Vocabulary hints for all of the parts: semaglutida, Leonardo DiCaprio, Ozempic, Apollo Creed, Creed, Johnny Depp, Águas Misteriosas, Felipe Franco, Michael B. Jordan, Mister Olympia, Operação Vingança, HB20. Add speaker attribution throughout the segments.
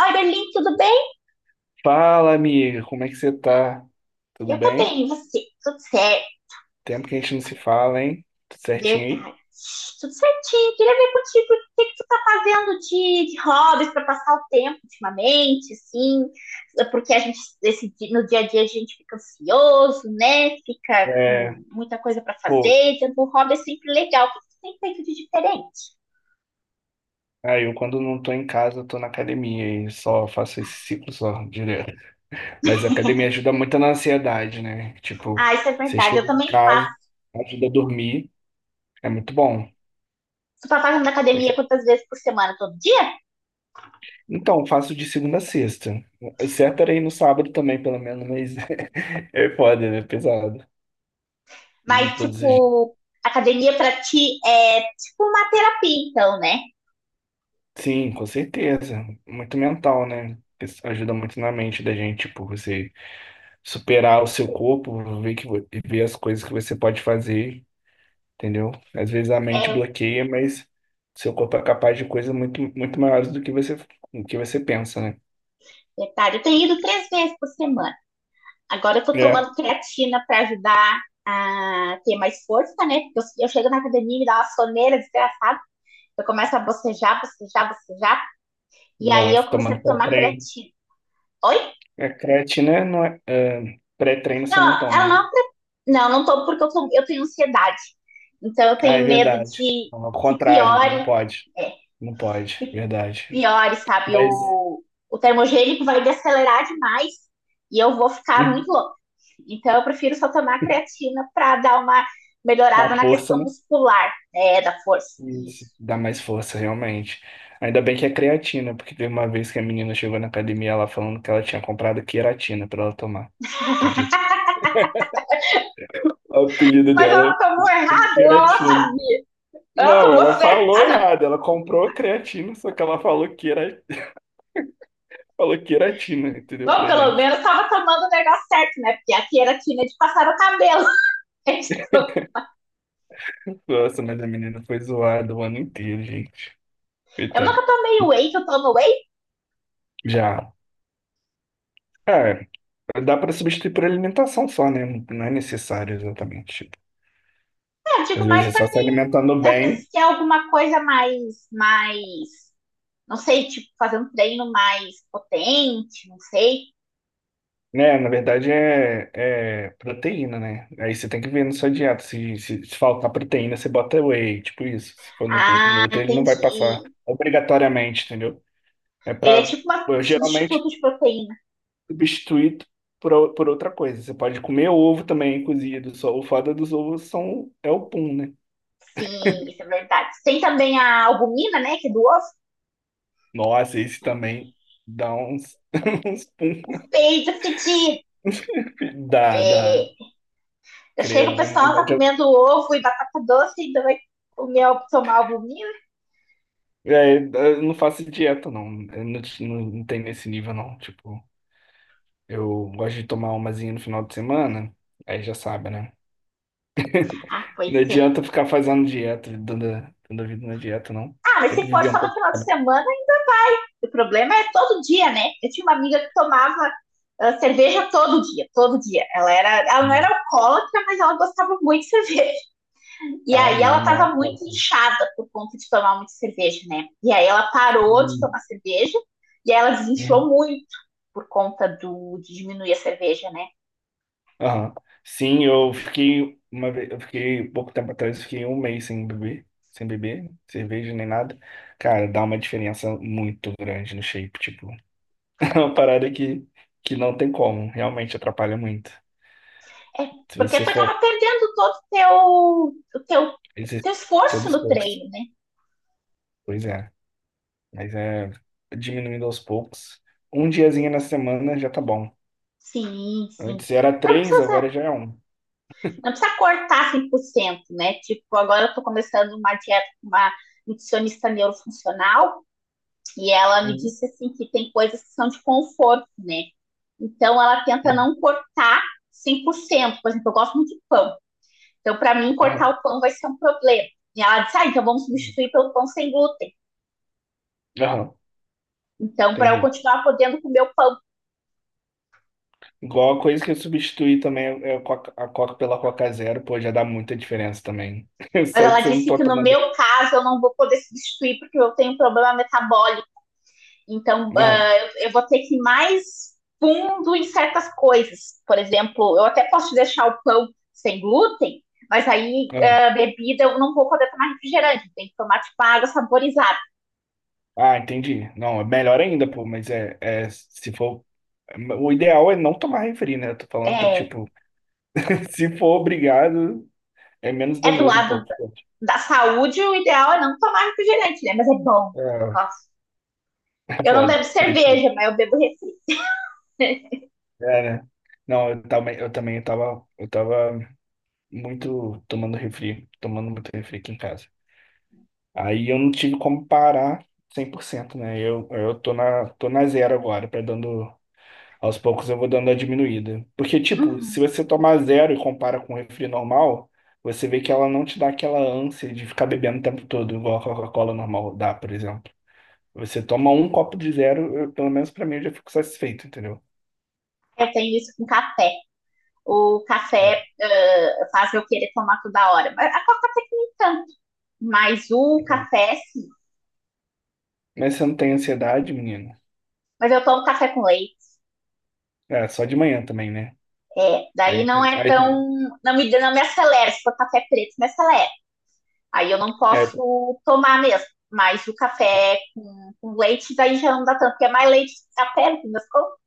Speaker 1: Oi, Berlim, tudo bem?
Speaker 2: Fala, amiga, como é que você tá? Tudo
Speaker 1: Eu tô
Speaker 2: bem?
Speaker 1: bem, e você? Tudo certo,
Speaker 2: Tempo que a gente não se fala, hein? Tudo certinho aí?
Speaker 1: verdade. Tudo certinho. Queria ver contigo o que que tu tá fazendo de hobbies pra passar o tempo ultimamente, assim, porque a gente, no dia a dia a gente fica ansioso, né? Fica com
Speaker 2: É,
Speaker 1: muita coisa para
Speaker 2: pô,
Speaker 1: fazer, então o hobby é sempre legal. O que que tu tem feito de diferente?
Speaker 2: aí eu quando não tô em casa, eu tô na academia e só faço esse ciclo só direto. Mas a academia ajuda muito na ansiedade, né? Tipo,
Speaker 1: Ah, isso é
Speaker 2: você
Speaker 1: verdade. Eu
Speaker 2: chega em
Speaker 1: também faço.
Speaker 2: casa, ajuda a dormir, é muito bom.
Speaker 1: Tu tá fazendo academia quantas vezes por semana? Todo dia?
Speaker 2: Então, faço de segunda a sexta. O certo era ir no sábado também, pelo menos, mas é foda, né? Pesado. Em
Speaker 1: Mas,
Speaker 2: todos os dias.
Speaker 1: tipo, academia pra ti é tipo uma terapia, então, né?
Speaker 2: Sim, com certeza. Muito mental, né? Isso ajuda muito na mente da gente, tipo, você superar o seu corpo, ver que ver as coisas que você pode fazer, entendeu? Às vezes a mente
Speaker 1: É
Speaker 2: bloqueia, mas seu corpo é capaz de coisas muito muito maiores do que você pensa, né?
Speaker 1: verdade. Eu tenho ido três vezes por semana. Agora eu tô
Speaker 2: É,
Speaker 1: tomando creatina para ajudar a ter mais força, né? Porque eu chego na academia e me dá uma soneira desgraçada. Eu começo a bocejar, bocejar, bocejar. E aí eu
Speaker 2: nossa,
Speaker 1: comecei
Speaker 2: tomando
Speaker 1: a tomar
Speaker 2: pré-treino.
Speaker 1: creatina. Oi?
Speaker 2: É creatina, não é, é, Pré-treino você não
Speaker 1: Não,
Speaker 2: toma,
Speaker 1: ela
Speaker 2: né?
Speaker 1: não. Não, não tô porque eu tenho ansiedade. Então eu
Speaker 2: Ah, é
Speaker 1: tenho medo
Speaker 2: verdade.
Speaker 1: de
Speaker 2: Não, ao
Speaker 1: que
Speaker 2: contrário, não
Speaker 1: piore,
Speaker 2: pode.
Speaker 1: é,
Speaker 2: Não pode, verdade.
Speaker 1: piores, sabe?
Speaker 2: Mas
Speaker 1: O termogênico vai desacelerar demais e eu vou ficar
Speaker 2: hum,
Speaker 1: muito louca. Então, eu prefiro só tomar creatina para dar uma
Speaker 2: na
Speaker 1: melhorada na
Speaker 2: força,
Speaker 1: questão
Speaker 2: né?
Speaker 1: muscular, né, da força.
Speaker 2: Isso.
Speaker 1: Isso.
Speaker 2: Dá mais força, realmente. Ainda bem que é creatina, porque teve uma vez que a menina chegou na academia ela falando que ela tinha comprado queratina pra ela tomar. Você acredita? O apelido
Speaker 1: Mas
Speaker 2: dela
Speaker 1: ela tomou
Speaker 2: foi
Speaker 1: errado, ela
Speaker 2: queratina.
Speaker 1: sabia. Ela
Speaker 2: Não,
Speaker 1: tomou
Speaker 2: ela
Speaker 1: certo.
Speaker 2: falou
Speaker 1: Ah, não.
Speaker 2: errado. Ela comprou creatina, só que ela falou queratina, entendeu?
Speaker 1: Bom,
Speaker 2: Pra
Speaker 1: pelo
Speaker 2: gente.
Speaker 1: menos estava tomando o negócio certo, né? Porque aqui era quina de passar o cabelo.
Speaker 2: Nossa, mas a menina foi zoada o ano inteiro, gente.
Speaker 1: Eu
Speaker 2: Coitada.
Speaker 1: nunca tomei whey, que eu tomo whey.
Speaker 2: Já. É, dá pra substituir por alimentação só, né? Não é necessário exatamente. Tipo,
Speaker 1: Eu
Speaker 2: às
Speaker 1: digo mais
Speaker 2: vezes é só
Speaker 1: para
Speaker 2: se
Speaker 1: quem
Speaker 2: alimentando
Speaker 1: às
Speaker 2: bem.
Speaker 1: vezes quer alguma coisa mais. Não sei, tipo, fazer um treino mais potente, não sei.
Speaker 2: né, na verdade é, É proteína, né? Aí você tem que ver na sua dieta. Se faltar proteína, você bota whey, tipo isso. Se for no, no
Speaker 1: Ah,
Speaker 2: outro, ele não vai passar
Speaker 1: entendi.
Speaker 2: obrigatoriamente, entendeu? É
Speaker 1: Ele é
Speaker 2: pra
Speaker 1: tipo um
Speaker 2: eu, geralmente
Speaker 1: substituto de proteína.
Speaker 2: substituir por, por outra coisa. Você pode comer ovo também cozido. Só o foda dos ovos são, é o pum, né?
Speaker 1: Sim, isso é verdade. Tem também a albumina, né, que é do ovo.
Speaker 2: Nossa, esse também dá uns, uns pum.
Speaker 1: Não sei, já senti.
Speaker 2: Dá, dá.
Speaker 1: É, já chega o
Speaker 2: Credo, vamos
Speaker 1: pessoal
Speaker 2: mudar
Speaker 1: tá
Speaker 2: de.
Speaker 1: comendo ovo e batata doce e ainda vai comer, tomar albumina.
Speaker 2: É, eu não faço dieta, não. Não tem nesse nível, não. Tipo. Eu gosto de tomar umazinha no final de semana, aí já sabe, né?
Speaker 1: Ah,
Speaker 2: Não
Speaker 1: pois é.
Speaker 2: adianta ficar fazendo dieta, dando a vida na dieta, não.
Speaker 1: Ah, mas
Speaker 2: Tem que
Speaker 1: se for
Speaker 2: viver um
Speaker 1: só no
Speaker 2: pouquinho.
Speaker 1: final de
Speaker 2: Né?
Speaker 1: semana, o problema é todo dia, né? Eu tinha uma amiga que tomava cerveja todo dia, todo dia. Ela não era
Speaker 2: Não.
Speaker 1: alcoólatra, mas ela gostava muito de cerveja. E
Speaker 2: Ah,
Speaker 1: aí ela
Speaker 2: não, não é um
Speaker 1: estava muito
Speaker 2: copo.
Speaker 1: inchada por conta de tomar muita cerveja, né? E aí ela parou de
Speaker 2: Hum,
Speaker 1: tomar cerveja e aí ela desinchou
Speaker 2: uhum,
Speaker 1: muito por conta de diminuir a cerveja, né?
Speaker 2: aham. Sim, eu fiquei pouco tempo atrás, eu fiquei um mês sem beber, sem beber, cerveja nem nada. Cara, dá uma diferença muito grande no shape, tipo, é uma parada que não tem como, realmente atrapalha muito.
Speaker 1: É,
Speaker 2: Se
Speaker 1: porque
Speaker 2: você
Speaker 1: tu acaba
Speaker 2: for
Speaker 1: perdendo todo o teu, o teu,
Speaker 2: exercer
Speaker 1: teu
Speaker 2: todo
Speaker 1: esforço no
Speaker 2: esforço,
Speaker 1: treino, né?
Speaker 2: pois é. Mas é diminuindo aos poucos. Um diazinho na semana já tá bom.
Speaker 1: Sim, sim.
Speaker 2: Antes era
Speaker 1: Não
Speaker 2: três, agora
Speaker 1: precisa,
Speaker 2: já é um.
Speaker 1: não precisa cortar 100%, né? Tipo, agora eu tô começando uma dieta com uma nutricionista neurofuncional. E ela me
Speaker 2: Uhum,
Speaker 1: disse assim que tem coisas que são de conforto, né? Então ela tenta
Speaker 2: uhum,
Speaker 1: não cortar 100%. Por cento. Por exemplo, eu gosto muito de pão. Então para mim cortar
Speaker 2: aham,
Speaker 1: o pão vai ser um problema. E ela disse: "Ah, então vamos
Speaker 2: uhum,
Speaker 1: substituir pelo pão sem glúten".
Speaker 2: aham,
Speaker 1: Então para eu
Speaker 2: entendi.
Speaker 1: continuar podendo comer o pão.
Speaker 2: Igual a coisa que eu substituí também é a Coca pela Coca Zero, pô, já dá muita diferença também.
Speaker 1: Mas
Speaker 2: Só
Speaker 1: ela
Speaker 2: de você não
Speaker 1: disse
Speaker 2: tá
Speaker 1: que no
Speaker 2: tomando.
Speaker 1: meu caso eu não vou poder substituir porque eu tenho um problema metabólico. Então,
Speaker 2: Aham,
Speaker 1: eu, vou ter que ir mais fundo em certas coisas. Por exemplo, eu até posso deixar o pão sem glúten, mas aí
Speaker 2: aham.
Speaker 1: bebida eu não vou poder tomar refrigerante, tem que tomar tipo água saborizada.
Speaker 2: Ah, entendi. Não, é melhor ainda, pô, mas é se for. O ideal é não tomar refri, né? Eu tô falando pra,
Speaker 1: É,
Speaker 2: tipo, se for obrigado, é menos
Speaker 1: é do
Speaker 2: danoso um
Speaker 1: lado
Speaker 2: pouco.
Speaker 1: da saúde, o ideal é não tomar refrigerante, né? Mas é bom, eu
Speaker 2: É,
Speaker 1: gosto.
Speaker 2: é
Speaker 1: Eu não
Speaker 2: foda.
Speaker 1: bebo cerveja, mas eu bebo refri.
Speaker 2: É, né? Não, eu também tava, eu tava muito tomando refri, tomando muito refri aqui em casa. Aí eu não tive como parar 100%, né? Eu tô na zero agora, pra dando, aos poucos eu vou dando a diminuída. Porque, tipo, se
Speaker 1: Uhum.
Speaker 2: você tomar zero e compara com um refri normal, você vê que ela não te dá aquela ânsia de ficar bebendo o tempo todo, igual a Coca-Cola normal dá, por exemplo. Você toma um copo de zero, pelo menos pra mim, eu já fico satisfeito, entendeu?
Speaker 1: Eu tenho isso com café. O café
Speaker 2: É.
Speaker 1: faz eu querer tomar toda hora. A coca até que nem tanto. Mas o
Speaker 2: Bom,
Speaker 1: café, sim,
Speaker 2: mas você não tem ansiedade, menino?
Speaker 1: mas eu tomo café com leite.
Speaker 2: É, só de manhã também, né?
Speaker 1: É, daí não é
Speaker 2: Aí
Speaker 1: tão.
Speaker 2: tem,
Speaker 1: Não me acelera. Se for café preto, me acelera. Aí eu não
Speaker 2: é,
Speaker 1: posso tomar mesmo. Mas o café com leite, daí já não dá tanto, porque é mais leite que café, no fim das contas.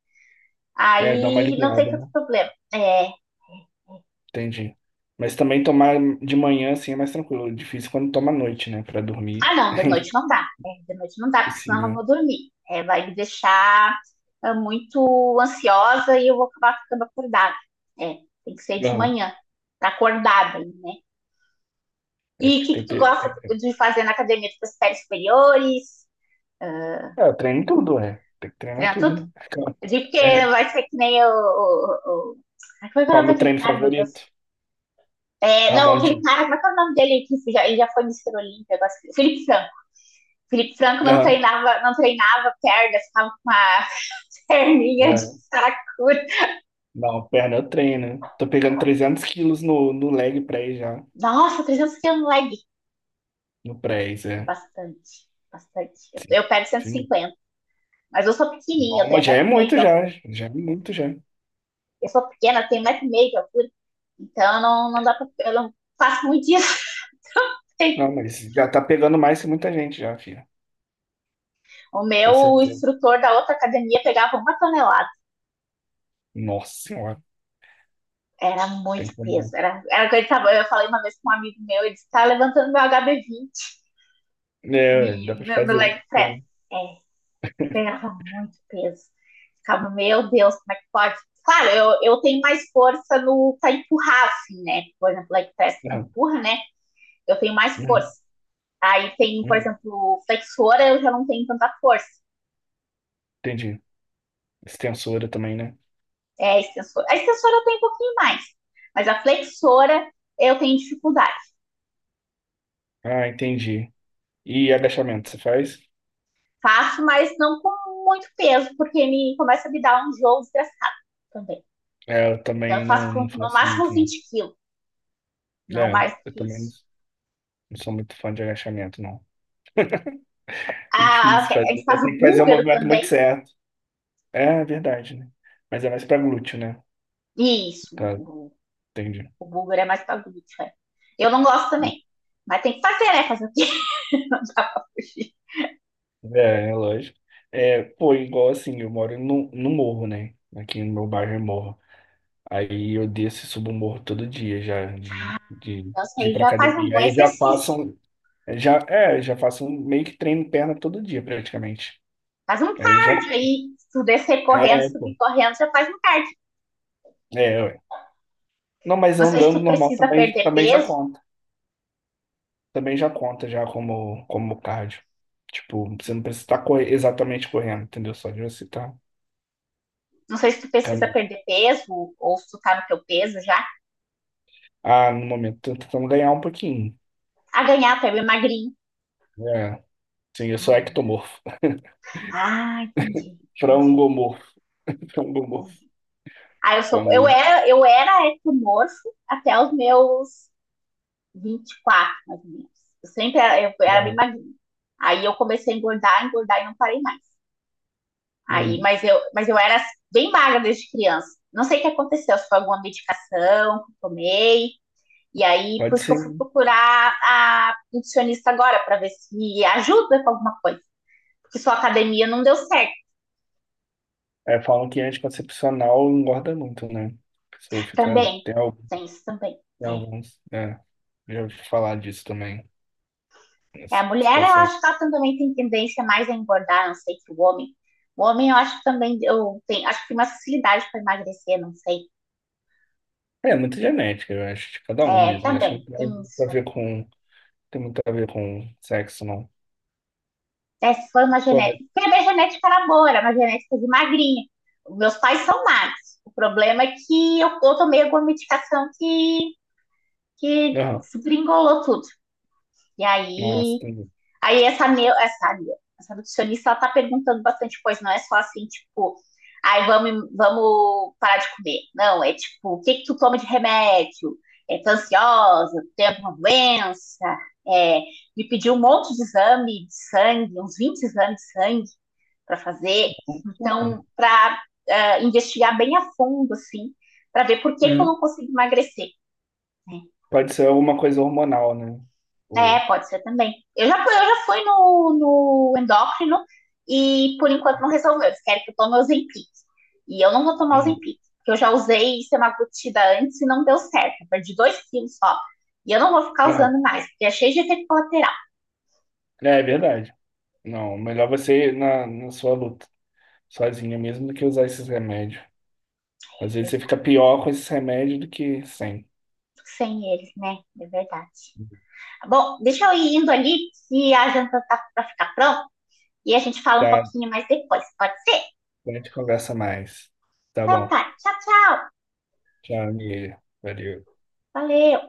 Speaker 2: é, dá uma
Speaker 1: Aí não tem
Speaker 2: aliviada, né?
Speaker 1: tanto problema. É,
Speaker 2: Entendi. Mas também tomar de manhã, assim, é mais tranquilo. Difícil quando toma à noite, né? Pra
Speaker 1: ah,
Speaker 2: dormir.
Speaker 1: não, de noite não dá. É, de noite não dá,
Speaker 2: É
Speaker 1: porque senão eu não
Speaker 2: impossível.
Speaker 1: vou dormir. É, vai me deixar muito ansiosa e eu vou acabar ficando acordada. É, tem que ser de
Speaker 2: Não,
Speaker 1: manhã, tá acordada, né?
Speaker 2: é
Speaker 1: E o
Speaker 2: porque
Speaker 1: que, que
Speaker 2: tem...
Speaker 1: tu
Speaker 2: pe-
Speaker 1: gosta
Speaker 2: tem- tem-
Speaker 1: de fazer na academia? Tu faz séries superiores? Uh,
Speaker 2: é, eu treino tudo, é. Tem que treinar
Speaker 1: treina
Speaker 2: tudo,
Speaker 1: tudo?
Speaker 2: né?
Speaker 1: Eu digo porque
Speaker 2: É,
Speaker 1: vai ser que nem o. Ai, como é que é o
Speaker 2: qual é o
Speaker 1: nome
Speaker 2: meu
Speaker 1: daquele
Speaker 2: treino
Speaker 1: cara, meu
Speaker 2: favorito?
Speaker 1: Deus? É, não,
Speaker 2: Ramon
Speaker 1: aquele
Speaker 2: Dias.
Speaker 1: cara, como é que é o nome dele? Ele já foi Mister Olímpia. Agora... Felipe Franco. Felipe Franco não
Speaker 2: Aham.
Speaker 1: treinava, não treinava perna, ficava com uma perninha de
Speaker 2: É,
Speaker 1: saracura.
Speaker 2: não, perna eu treino. Tô pegando 300 quilos no, no leg press já.
Speaker 1: Nossa, 300 quilos leg.
Speaker 2: No press, é.
Speaker 1: Bastante, bastante. Eu,
Speaker 2: Sim.
Speaker 1: eu pego
Speaker 2: Sim.
Speaker 1: 150. Mas eu sou pequenininha, eu
Speaker 2: Bom,
Speaker 1: tenho
Speaker 2: mas já é
Speaker 1: 15 meio de
Speaker 2: muito já.
Speaker 1: altura.
Speaker 2: Já é muito já.
Speaker 1: Eu sou pequena, eu tenho 15 meio de altura. Então, não, não dá pra, eu não faço muito isso.
Speaker 2: Não, mas já tá pegando mais que muita gente já, filha.
Speaker 1: O
Speaker 2: Com
Speaker 1: meu
Speaker 2: certeza.
Speaker 1: instrutor da outra academia pegava uma tonelada.
Speaker 2: Nossa senhora,
Speaker 1: Era
Speaker 2: tem
Speaker 1: muito peso.
Speaker 2: como
Speaker 1: Era que ele tava, eu falei uma vez com um amigo meu, ele disse, tá levantando meu HB20
Speaker 2: não. É, dá
Speaker 1: e,
Speaker 2: pra
Speaker 1: no
Speaker 2: fazer.
Speaker 1: leg press.
Speaker 2: Tem.
Speaker 1: É, ele pegava muito peso. Ficava, meu Deus, como é que pode? Claro, eu tenho mais força no pra empurrar, assim, né? Por exemplo, leg press que
Speaker 2: Uhum,
Speaker 1: empurra, né? Eu tenho mais
Speaker 2: uhum,
Speaker 1: força. Aí tem, por
Speaker 2: uhum.
Speaker 1: exemplo, flexora, eu já não tenho tanta força.
Speaker 2: Entendi. Extensora também, né?
Speaker 1: É a extensora. A extensora eu tenho um pouquinho mais, mas a flexora eu tenho dificuldade.
Speaker 2: Ah, entendi. E agachamento, você faz?
Speaker 1: Faço, mas não com muito peso, porque me começa a me dar um jogo desgraçado também.
Speaker 2: É, eu
Speaker 1: Então
Speaker 2: também
Speaker 1: eu faço
Speaker 2: não,
Speaker 1: com
Speaker 2: não
Speaker 1: no
Speaker 2: faço muito,
Speaker 1: máximo
Speaker 2: não.
Speaker 1: 20 quilos, não
Speaker 2: É,
Speaker 1: mais do
Speaker 2: eu
Speaker 1: que
Speaker 2: também não
Speaker 1: isso.
Speaker 2: não sou muito fã de agachamento, não. É
Speaker 1: Ah, ok,
Speaker 2: difícil
Speaker 1: a
Speaker 2: fazer.
Speaker 1: gente
Speaker 2: Então
Speaker 1: faz
Speaker 2: tem
Speaker 1: o
Speaker 2: que fazer o
Speaker 1: búlgaro
Speaker 2: movimento muito
Speaker 1: também.
Speaker 2: certo. É, é verdade, né? Mas é mais pra glúteo, né?
Speaker 1: Isso,
Speaker 2: Tá,
Speaker 1: o,
Speaker 2: entendi.
Speaker 1: o búlgaro é mais para glúteo, é. Eu não gosto também. Mas tem que fazer, né? Fazer o quê? Não dá pra fugir.
Speaker 2: É, é lógico. É, pô, igual assim, eu moro no, no morro, né? Aqui no meu bairro é morro. Aí eu desço e subo o morro todo dia já, de, de,
Speaker 1: Então, isso
Speaker 2: de ir
Speaker 1: aí
Speaker 2: pra
Speaker 1: já faz um
Speaker 2: academia.
Speaker 1: bom
Speaker 2: Aí já faço,
Speaker 1: exercício.
Speaker 2: um, já, é, meio que treino perna todo dia, praticamente.
Speaker 1: Faz um
Speaker 2: Aí já,
Speaker 1: cardio aí. Se tu descer correndo,
Speaker 2: é,
Speaker 1: subir
Speaker 2: pô,
Speaker 1: correndo, já faz um cardio.
Speaker 2: é, ué. Não, mas
Speaker 1: Não sei se
Speaker 2: andando
Speaker 1: tu
Speaker 2: normal
Speaker 1: precisa
Speaker 2: também,
Speaker 1: perder
Speaker 2: também já
Speaker 1: peso,
Speaker 2: conta. Também já conta já como, como cardio. Tipo, você não precisa estar exatamente correndo, entendeu? Só de você estar
Speaker 1: não sei se tu precisa
Speaker 2: caminhando.
Speaker 1: perder peso ou se tu tá no teu peso já.
Speaker 2: Ah, no momento, tô tentando ganhar um pouquinho.
Speaker 1: A ganhar, tu é bem magrinho.
Speaker 2: É, sim, eu sou ectomorfo.
Speaker 1: Ah, entendi, entendi,
Speaker 2: Frangomorfo. Frangomorfo,
Speaker 1: entendi. Ah, eu sou, eu
Speaker 2: famoso.
Speaker 1: era, eu era ectomorfo até os meus 24, mais ou menos. Eu sempre era, eu era bem
Speaker 2: Não.
Speaker 1: magrinho. Aí eu comecei a engordar, engordar e não parei mais. Aí,
Speaker 2: Uhum.
Speaker 1: mas eu era bem magra desde criança. Não sei o que aconteceu, se foi alguma medicação que eu tomei. E aí, por
Speaker 2: Pode
Speaker 1: isso que eu
Speaker 2: ser.
Speaker 1: fui
Speaker 2: Né?
Speaker 1: procurar a nutricionista agora, para ver se ajuda com alguma coisa. Porque sua academia não deu certo
Speaker 2: É, falam que é anticoncepcional engorda muito, né? A pessoa fica.
Speaker 1: também. Tem isso também.
Speaker 2: Tem alguns. É, já ouvi falar disso também.
Speaker 1: É. É a
Speaker 2: Nessa
Speaker 1: mulher, eu
Speaker 2: situação. É,
Speaker 1: acho que ela também tem tendência mais a engordar, não sei, que o homem. O homem, eu acho que também eu tenho, acho que tem mais facilidade para emagrecer, não sei.
Speaker 2: é muito genética, eu acho, de cada um
Speaker 1: É,
Speaker 2: mesmo. Eu acho
Speaker 1: também,
Speaker 2: que não tem
Speaker 1: tem
Speaker 2: muito
Speaker 1: isso.
Speaker 2: a ver com. Tem muito a ver com sexo, não.
Speaker 1: É, se foi uma
Speaker 2: Pô, mas...
Speaker 1: genética. Porque a minha genética era boa, era uma genética de magrinha. Meus pais são magros. O problema é que eu tomei alguma medicação que
Speaker 2: Aham.
Speaker 1: desgringolou tudo. E
Speaker 2: Nossa,
Speaker 1: aí,
Speaker 2: tem.
Speaker 1: aí essa nutricionista, ela tá perguntando bastante coisa, não é só assim, tipo, ai, vamos parar de comer. Não, é tipo, o que que tu toma de remédio? É, tá ansiosa? Tem alguma doença? É, me pediu um monte de exame de sangue, uns 20 exames de sangue para fazer.
Speaker 2: Hormonal.
Speaker 1: Então, para investigar bem a fundo, assim, para ver por que eu
Speaker 2: Uhum.
Speaker 1: não consigo emagrecer. Né?
Speaker 2: Pode ser alguma coisa hormonal, né?
Speaker 1: É,
Speaker 2: Ou...
Speaker 1: pode ser também. Eu já fui no endócrino e por enquanto não resolveu. Eles querem que eu tome Ozempic. E eu não vou tomar
Speaker 2: Uhum.
Speaker 1: Ozempic, porque eu já usei semaglutida antes e não deu certo. Eu perdi 2 quilos só. E eu não vou ficar
Speaker 2: Aham.
Speaker 1: usando mais, porque é cheio de efeito colateral.
Speaker 2: É, é verdade. Não, melhor você ir na, na sua luta, sozinha mesmo, do que usar esses remédios. Às vezes você fica pior com esses remédios do que sem.
Speaker 1: Sem eles, né? É verdade. Bom, deixa eu ir indo ali, que a janta tá pra ficar pronta. E a gente fala um
Speaker 2: Tá,
Speaker 1: pouquinho mais depois, pode ser?
Speaker 2: a gente conversa mais. Tá
Speaker 1: Então
Speaker 2: bom.
Speaker 1: tá, tchau, tchau.
Speaker 2: Tchau, amiga. Valeu.
Speaker 1: Valeu.